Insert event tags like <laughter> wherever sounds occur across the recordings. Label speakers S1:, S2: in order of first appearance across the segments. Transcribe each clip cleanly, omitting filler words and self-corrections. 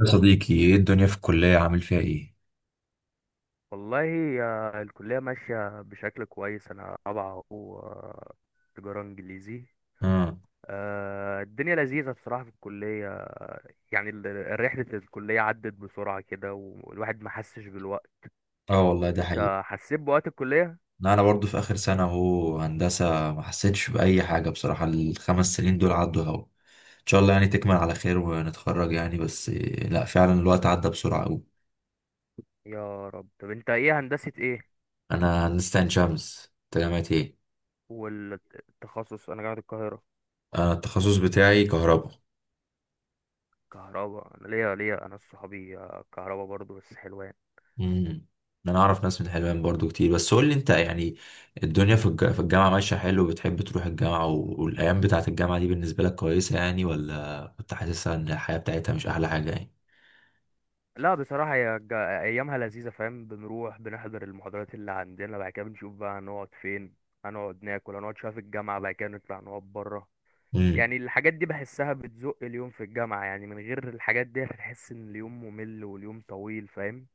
S1: يا صديقي، ايه الدنيا في الكلية عامل فيها ايه؟
S2: والله، يا الكلية ماشية بشكل كويس. أنا رابعة أهو، تجارة إنجليزي.
S1: اه.
S2: الدنيا لذيذة بصراحة في الكلية. يعني رحلة الكلية عدت بسرعة كده، والواحد ما حسش بالوقت.
S1: اه، والله ده حقيقي.
S2: أنت حسيت بوقت الكلية؟
S1: لا، انا برضو في اخر سنة اهو هندسة، ما حسيتش بأي حاجة بصراحة. الخمس سنين دول عدوا اهو. ان شاء الله يعني تكمل على خير ونتخرج يعني، بس إيه، لا فعلا الوقت عدى بسرعة اوي.
S2: يا رب. طب أنت إيه، هندسة إيه؟
S1: انا هندسة عين شمس، انت جامعة ايه؟
S2: والتخصص أنا جامعة القاهرة.
S1: انا التخصص بتاعي كهرباء.
S2: كهرباء. أنا ليا صحابي كهرباء برضو، بس حلوة يعني.
S1: امم. انا اعرف ناس من حلوان برضو كتير، بس قول لي انت يعني الدنيا في الجامعه ماشيه حلو؟ بتحب تروح الجامعه والايام بتاعه الجامعه دي بالنسبه لك كويسه يعني، ولا كنت حاسسها ان الحياه بتاعتها مش احلى حاجه يعني؟
S2: لا، بصراحة هي أيامها لذيذة، فاهم؟ بنروح بنحضر المحاضرات اللي عندنا، بعد كده بنشوف بقى هنقعد فين، هنقعد ناكل، هنقعد شوية في الجامعة، بعد كده نطلع نقعد برا.
S1: امم.
S2: يعني الحاجات دي بحسها بتزق اليوم في الجامعة، يعني من غير الحاجات دي هتحس إن اليوم ممل واليوم طويل، فاهم؟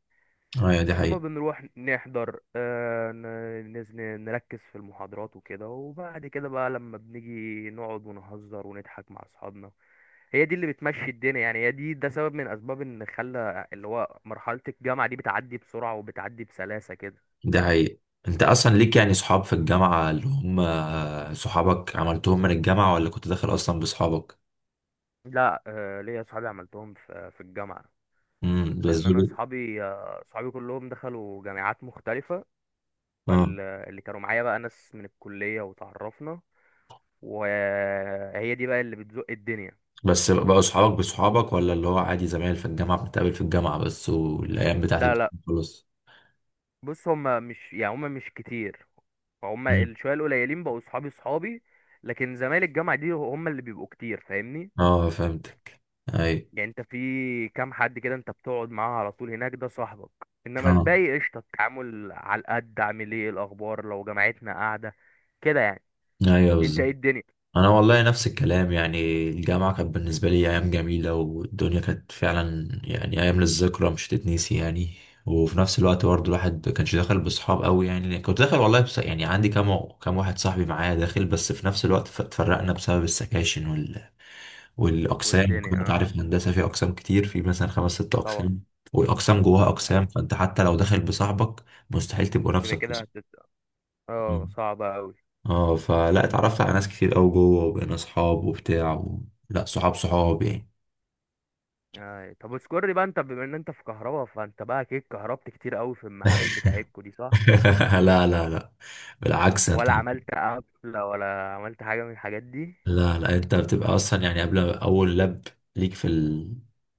S1: ايوه، دي
S2: إنما
S1: حقيقه.
S2: بنروح نحضر نركز في المحاضرات وكده، وبعد كده بقى لما بنيجي نقعد ونهزر ونضحك مع أصحابنا. هي دي اللي بتمشي الدنيا، يعني هي دي ده سبب من اسباب ان خلى اللي هو مرحله الجامعه دي بتعدي بسرعه وبتعدي بسلاسه كده.
S1: دي حقيقه. انت اصلا ليك يعني صحاب في الجامعه اللي هم صحابك عملتهم من الجامعه، ولا كنت داخل اصلا بصحابك؟
S2: لا، ليا اصحابي عملتهم في الجامعه.
S1: امم، بس
S2: لان انا
S1: دول؟
S2: اصحابي كلهم دخلوا جامعات مختلفه.
S1: اه.
S2: فاللي كانوا معايا بقى ناس من الكليه، وتعرفنا، وهي دي بقى اللي بتزق الدنيا.
S1: بس بقوا صحابك بصحابك، ولا اللي هو عادي زمايل في الجامعه بنتقابل في الجامعه بس والايام بتاعه
S2: لا،
S1: الجامعه
S2: لا.
S1: خلاص؟
S2: بص، هم مش يعني هم مش كتير. فهم الشويه القليلين بقوا اصحابي اصحابي. لكن زمايل الجامعه دي هم اللي بيبقوا كتير، فاهمني؟
S1: اه، فهمتك. اي.
S2: يعني انت في كام حد كده انت بتقعد معاه على طول، هناك ده صاحبك. انما
S1: اه.
S2: الباقي قشطه، التعامل على القد: عامل ايه، الاخبار، لو جامعتنا قاعده، كده يعني.
S1: ايوه
S2: انت
S1: بالظبط.
S2: ايه الدنيا؟
S1: انا والله نفس الكلام يعني. الجامعه كانت بالنسبه لي ايام جميله، والدنيا كانت فعلا يعني ايام للذكرى مش تتنسي يعني. وفي نفس الوقت برضه الواحد ما كانش داخل بصحاب قوي يعني، كنت داخل والله، بس يعني عندي كام واحد صاحبي معايا داخل. بس في نفس الوقت اتفرقنا بسبب السكاشن والاقسام،
S2: والدنيا،
S1: وكمان انت عارف الهندسه في اقسام كتير، في مثلا خمس ست
S2: طبعا.
S1: اقسام، والاقسام جواها
S2: آه،
S1: اقسام، فانت حتى لو داخل بصاحبك مستحيل تبقوا نفس
S2: كده كده
S1: القسم.
S2: هتت. اه،
S1: آه.
S2: صعبه قوي.
S1: اه، فلا اتعرفت على ناس كتير قوي جوه وبقينا صحاب وبتاع لا، صحاب صحاب يعني.
S2: آه. طب اذكر لي بقى، انت بما ان انت في كهربا، فانت بقى اكيد كهربت كتير قوي في المعامل بتاعتكو دي، صح؟
S1: <laughs> لا لا لا، بالعكس انت.
S2: ولا عملت قفله ولا عملت حاجه من الحاجات دي؟
S1: لا لا، انت بتبقى اصلا يعني قبل اول لاب ليك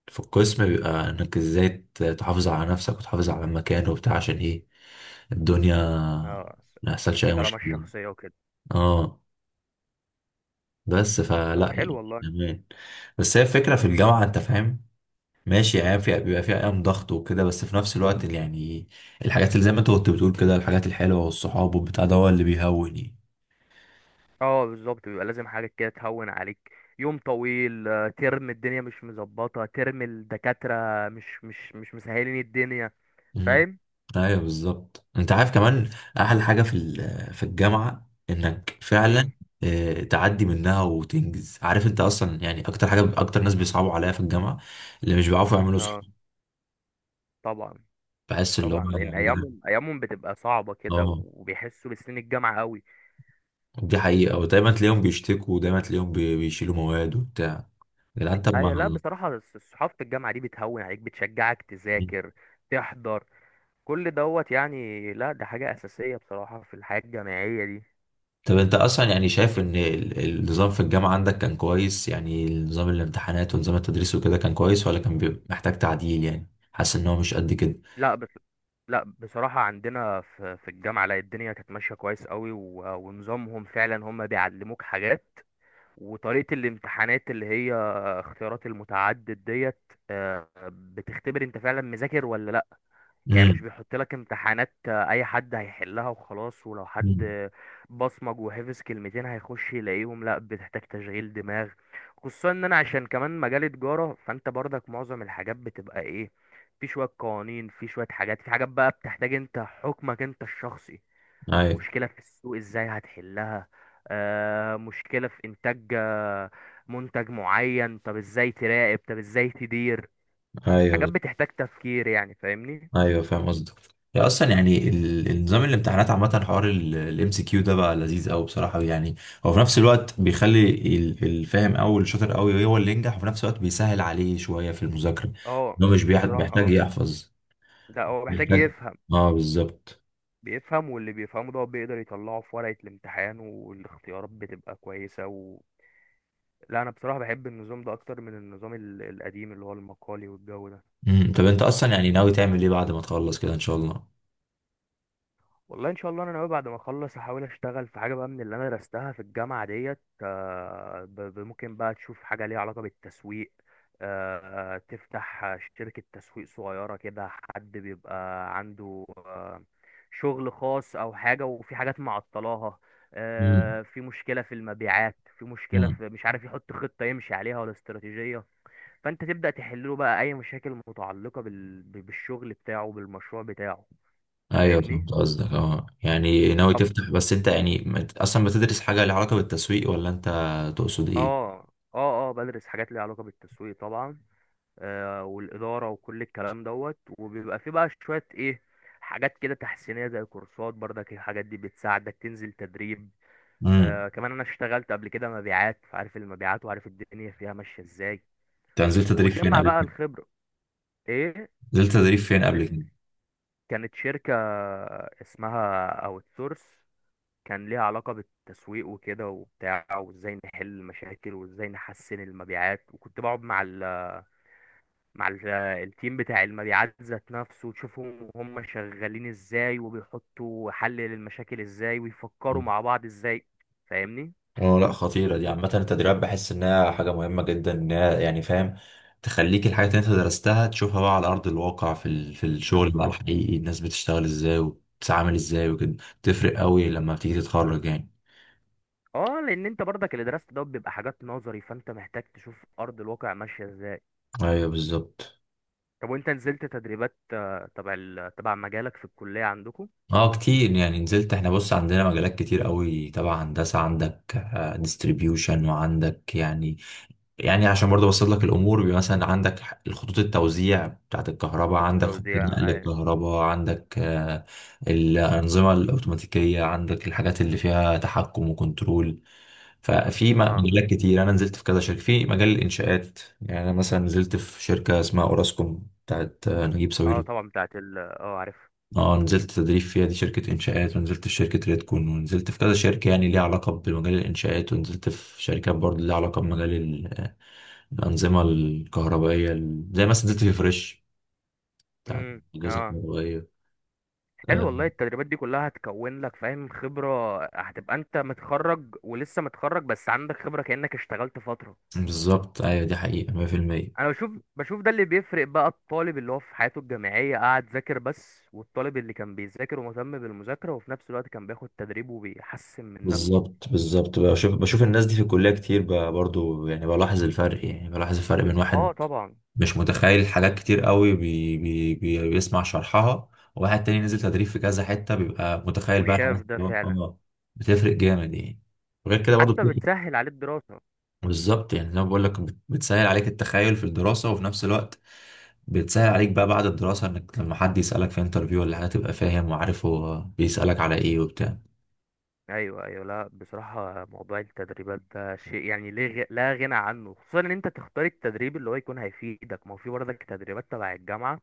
S1: في القسم بيبقى انك ازاي تحافظ على نفسك وتحافظ على المكان وبتاع، عشان ايه الدنيا
S2: اه،
S1: ما يحصلش اي
S2: طالما
S1: مشكله.
S2: الشخصيه وكده.
S1: اه، بس
S2: طب،
S1: فلا
S2: حلو
S1: يعني
S2: والله.
S1: تمام. بس هي الفكره في الجامعه انت فاهم، ماشي ايام فيها بيبقى فيها ايام ضغط وكده، بس في نفس الوقت اللي يعني الحاجات اللي زي ما انت كنت بتقول كده، الحاجات الحلوه والصحاب والبتاع، ده هو اللي بيهون يعني.
S2: اه، بالظبط، بيبقى لازم حاجة كده تهون عليك. يوم طويل، ترم الدنيا مش مظبطة، ترم الدكاترة مش مسهلين الدنيا،
S1: امم.
S2: فاهم؟
S1: ايوه بالظبط. انت عارف كمان احلى حاجه في الجامعه انك فعلا
S2: امم
S1: تعدي منها وتنجز. عارف انت اصلا يعني اكتر حاجه، اكتر ناس بيصعبوا عليا في الجامعه اللي مش بيعرفوا يعملوا
S2: اه،
S1: صحاب.
S2: طبعا
S1: بحس اللي هم.
S2: طبعا. لان
S1: لا.
S2: ايامهم بتبقى صعبة كده،
S1: اه،
S2: وبيحسوا بسنين الجامعة قوي.
S1: دي حقيقه، ودايما تلاقيهم بيشتكوا، ودايما تلاقيهم بيشيلوا مواد وبتاع. يا جدعان طب
S2: ايوه، لا
S1: ما.
S2: بصراحة صحافة الجامعة دي بتهون عليك، بتشجعك تذاكر، تحضر، كل دوت يعني. لا، ده حاجة أساسية بصراحة في الحياة الجامعية دي.
S1: طب انت اصلا يعني شايف ان النظام في الجامعة عندك كان كويس يعني؟ نظام الامتحانات ونظام التدريس وكده كان كويس، ولا كان بيبقى محتاج تعديل يعني؟ حاسس ان هو مش قد كده؟
S2: لا بس، لا بصراحة عندنا في الجامعة، لا الدنيا كانت ماشية كويس قوي، ونظامهم فعلا هم بيعلموك حاجات. وطريقة الامتحانات اللي هي اختيارات المتعدد ديت، بتختبر انت فعلا مذاكر ولا. يعني مش
S1: امم.
S2: بيحط لك امتحانات اي حد هيحلها وخلاص، ولو حد
S1: امم.
S2: بصمج وحفظ كلمتين هيخش يلاقيهم، لا بتحتاج تشغيل دماغ. خصوصا ان انا عشان كمان مجال تجارة، فانت برضك معظم الحاجات بتبقى ايه؟ في شوية قوانين، في شوية حاجات، في حاجات بقى بتحتاج انت حكمك انت الشخصي.
S1: ايوه
S2: مشكلة في السوق ازاي هتحلها؟ مشكلة في انتاج منتج معين، طب ازاي تراقب، طب ازاي تدير. حاجات
S1: ايوه
S2: بتحتاج تفكير يعني، فاهمني؟
S1: ايوه، فاهم قصدك. يا اصلا يعني النظام الامتحانات عامة، حوار الام سي كيو ده بقى لذيذ قوي بصراحة يعني. هو في نفس الوقت بيخلي الفاهم قوي الشاطر قوي هو اللي ينجح، وفي نفس الوقت بيسهل عليه شوية في المذاكرة.
S2: اه
S1: ان هو مش
S2: بصراحة.
S1: بيحتاج
S2: اه،
S1: يحفظ،
S2: ده هو محتاج
S1: بيحتاج.
S2: يفهم.
S1: اه بالظبط.
S2: بيفهم، واللي بيفهمه ده هو بيقدر يطلعه في ورقة الامتحان، والاختيارات بتبقى كويسة و. لا، أنا بصراحة بحب النظام ده أكتر من النظام القديم اللي هو المقالي والجو ده.
S1: مم. طب انت اصلا يعني ناوي تعمل ايه بعد ما تخلص كده ان شاء الله؟
S2: والله، ان شاء الله انا ناوي بعد ما اخلص احاول اشتغل في حاجه بقى من اللي انا درستها في الجامعه ديت. ممكن بقى تشوف حاجه ليها علاقه بالتسويق. تفتح شركه تسويق صغيره كده، حد بيبقى عنده شغل خاص او حاجه، وفي حاجات معطلاها.
S1: مم.
S2: في مشكله في المبيعات، في مشكله
S1: مم.
S2: في مش عارف يحط خطه يمشي عليها ولا استراتيجيه. فانت تبدا تحل له بقى اي مشاكل متعلقه بالشغل بتاعه، بالمشروع بتاعه.
S1: ايوه،
S2: فاهمني؟
S1: فهمت قصدك. اه يعني ناوي تفتح، بس انت يعني اصلا بتدرس حاجه لها علاقه بالتسويق، ولا انت تقصد ايه؟
S2: اه، اه، اه، بدرس حاجات ليها علاقة بالتسويق طبعا. والإدارة وكل الكلام دوت، وبيبقى في بقى شوية ايه؟ حاجات كده تحسينية زي كورسات، برضك الحاجات دي بتساعدك تنزل تدريب.
S1: امم.
S2: كمان انا اشتغلت قبل كده مبيعات، فعارف المبيعات وعارف الدنيا فيها ماشية ازاي.
S1: انت نزلت تدريب فين
S2: وبتجمع
S1: قبل
S2: بقى
S1: كده؟
S2: الخبرة. ايه،
S1: نزلت تدريب فين
S2: كان
S1: قبل كده؟
S2: كانت شركة اسمها اوت سورس. كان ليها علاقة بالتسويق وكده وبتاع، وازاي نحل المشاكل وازاي نحسن المبيعات، وكنت بقعد التيم بتاع المبيعات ذات نفسه، تشوفهم وهم شغالين ازاي، وبيحطوا حل للمشاكل ازاي، ويفكروا
S1: مم.
S2: مع بعض ازاي. فاهمني؟
S1: اه، لا خطيره دي. عامه التدريبات بحس انها حاجه مهمه جدا، انها يعني فاهم تخليك الحاجات اللي انت درستها تشوفها بقى على ارض الواقع في الشغل بقى
S2: بالظبط.
S1: الحقيقي. الناس بتشتغل ازاي وبتتعامل ازاي وكده بتفرق قوي لما بتيجي تتخرج يعني.
S2: اه، لان انت برضك اللي درست ده بيبقى حاجات نظري، فانت محتاج تشوف ارض الواقع ماشيه ازاي.
S1: ايوه بالظبط.
S2: طب، وانت نزلت تدريبات آه، تبع ال- آه، تبع مجالك في الكليه عندكم؟
S1: اه كتير يعني نزلت. احنا بص عندنا مجالات كتير قوي تبع هندسه. عندك ديستريبيوشن، وعندك يعني، يعني عشان برضه ابسط لك الامور، بيبقى مثلا عندك الخطوط التوزيع بتاعت الكهرباء،
S2: في
S1: عندك خطوط نقل
S2: التوزيع، اه.
S1: الكهرباء، عندك الانظمه الاوتوماتيكيه، عندك الحاجات اللي فيها تحكم وكنترول. ففي
S2: اه،
S1: مجالات كتير. انا نزلت في كذا شركه في مجال الانشاءات، يعني انا مثلا نزلت في شركه اسمها اوراسكوم بتاعت نجيب
S2: آه
S1: ساويرس.
S2: طبعا، بتاعت ال عارف.
S1: اه نزلت تدريب فيها، دي شركة إنشاءات، ونزلت في شركة ريدكون، ونزلت في كذا شركة يعني ليها علاقة بمجال الإنشاءات، ونزلت في شركات برضه ليها علاقة بمجال الأنظمة الكهربائية، زي مثلا نزلت في فريش بتاعت الأجهزة
S2: اه،
S1: الكهربائية.
S2: حلو
S1: آه،
S2: والله. التدريبات دي كلها هتكون لك فاهم خبرة، هتبقى انت متخرج ولسه متخرج بس عندك خبرة كأنك اشتغلت فترة.
S1: بالظبط، أيوة دي حقيقة 100%.
S2: انا بشوف ده اللي بيفرق بقى الطالب اللي هو في حياته الجامعية قاعد ذاكر بس، والطالب اللي كان بيذاكر ومهتم بالمذاكرة وفي نفس الوقت كان بياخد تدريب وبيحسن من نفسه.
S1: بالظبط بالظبط، بشوف بشوف الناس دي في الكلية كتير، برضه يعني بلاحظ الفرق، يعني بلاحظ الفرق بين واحد
S2: اه طبعا،
S1: مش متخيل حاجات كتير قوي بي بي بي بيسمع شرحها، وواحد تاني نزل تدريب في كذا حتة بيبقى متخيل بقى
S2: وشاف
S1: الحاجات
S2: ده
S1: اللي
S2: فعلا،
S1: بتفرق جامد يعني. غير كده برضو
S2: حتى
S1: بتفرق.
S2: بتسهل عليه الدراسة.
S1: بالظبط، يعني زي ما بقول لك بتسهل عليك التخيل في الدراسة، وفي نفس الوقت بتسهل عليك بقى بعد الدراسة انك لما حد يسألك في انترفيو ولا حاجة تبقى فاهم وعارف هو بيسألك على ايه وبتاع.
S2: ايوه، ايوه. لا بصراحه موضوع التدريبات ده شيء يعني ليه لا غنى عنه. خصوصا ان انت تختار التدريب اللي هو يكون هيفيدك، ما هو في برضك تدريبات تبع الجامعه.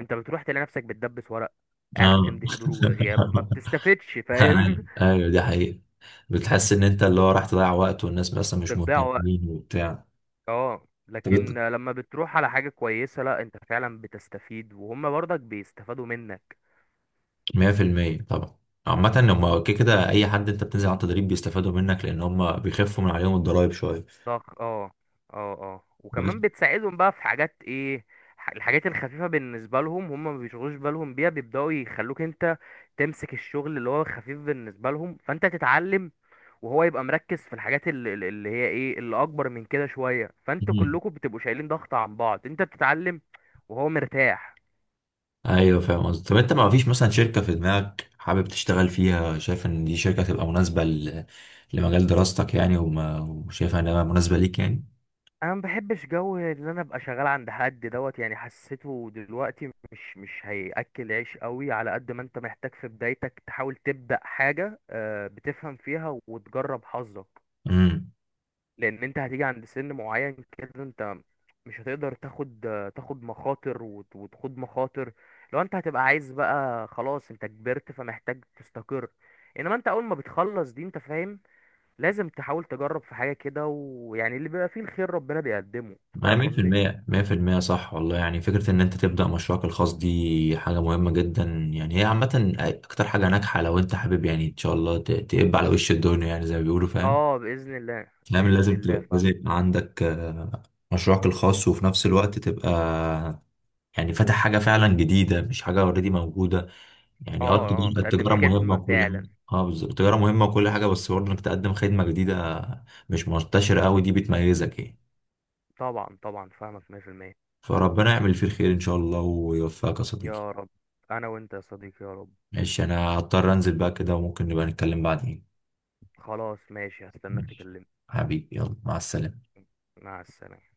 S2: انت بتروح تلاقي نفسك بتدبس ورق، قاعد
S1: اه.
S2: بتمضي حضور وغياب، ما بتستفدش،
S1: <laughs>
S2: فاهم؟
S1: ايوه أيوة، دي حقيقة. بتحس ان انت اللي هو راح تضيع وقت والناس مثلا
S2: <laughs>
S1: مش
S2: بتضيع وقت.
S1: مهتمين وبتاع.
S2: اه،
S1: طب
S2: لكن لما بتروح على حاجه كويسه، لا انت فعلا بتستفيد وهم برضك بيستفادوا منك.
S1: 100% طبعا. عامة هما كده كده أي حد أنت بتنزل على التدريب بيستفادوا منك، لأن هما بيخفوا من عليهم الضرايب شوية.
S2: ضغط. اه، اه، اه،
S1: بس.
S2: وكمان بتساعدهم بقى في حاجات ايه؟ الحاجات الخفيفة بالنسبة لهم هم ما بيشغلوش بالهم بيها، بيبدأوا يخلوك انت تمسك الشغل اللي هو خفيف بالنسبة لهم، فانت تتعلم. وهو يبقى مركز في الحاجات اللي هي ايه اللي اكبر من كده شوية، فانتوا
S1: مم.
S2: كلكم بتبقوا شايلين ضغط عن بعض، انت بتتعلم. وهو مرتاح.
S1: أيوه فاهم قصدي. طب أنت ما فيش مثلا شركة في دماغك حابب تشتغل فيها؟ شايف إن دي شركة تبقى مناسبة لمجال دراستك يعني؟ وشايفها إنها مناسبة ليك يعني؟
S2: انا ما بحبش جو ان انا ابقى شغال عند حد دوت يعني، حسيته دلوقتي مش هياكل عيش قوي، على قد ما انت محتاج في بدايتك تحاول تبدا حاجه بتفهم فيها وتجرب حظك.
S1: امم.
S2: لان انت هتيجي عند سن معين كده، انت مش هتقدر تاخد مخاطر وتخوض مخاطر. لو انت هتبقى عايز بقى، خلاص انت كبرت فمحتاج تستقر. انما انت اول ما بتخلص دي، انت فاهم؟ لازم تحاول تجرب في حاجة كده، ويعني اللي بيبقى فيه الخير ربنا بيقدمه.
S1: انا
S2: فاهم قصدي؟
S1: 100% 100% صح والله. يعني فكره ان انت تبدا مشروعك الخاص دي حاجه مهمه جدا. يعني هي عامه اكتر حاجه ناجحه لو انت حابب يعني ان شاء الله تقب على وش الدنيا، يعني زي ما بيقولوا، فاهم؟
S2: اه، بإذن الله
S1: نعم،
S2: بإذن
S1: لازم
S2: الله
S1: تبقى، لازم
S2: فعلا.
S1: يبقى عندك مشروعك الخاص، وفي نفس الوقت تبقى يعني فاتح حاجة فعلا جديدة، مش حاجة اوريدي موجودة يعني. اه
S2: اه، اه،
S1: التجارة،
S2: بتقدم
S1: التجارة مهمة
S2: خدمة
S1: وكل حاجة.
S2: فعلا.
S1: اه بالظبط، التجارة مهمة وكل حاجة، بس برضه انك تقدم خدمة جديدة مش منتشرة قوي، دي بتميزك يعني.
S2: طبعا طبعا، فاهمك 100%.
S1: فربنا يعمل فيه الخير ان شاء الله ويوفقك يا صديقي.
S2: يا رب. انا وانت يا صديقي، يا رب.
S1: ماشي، انا هضطر انزل بقى كده، وممكن نبقى نتكلم بعدين.
S2: خلاص، ماشي، هستناك
S1: ماشي،
S2: تكلمني.
S1: حبيبي، يلا مع السلامة.
S2: مع السلامة.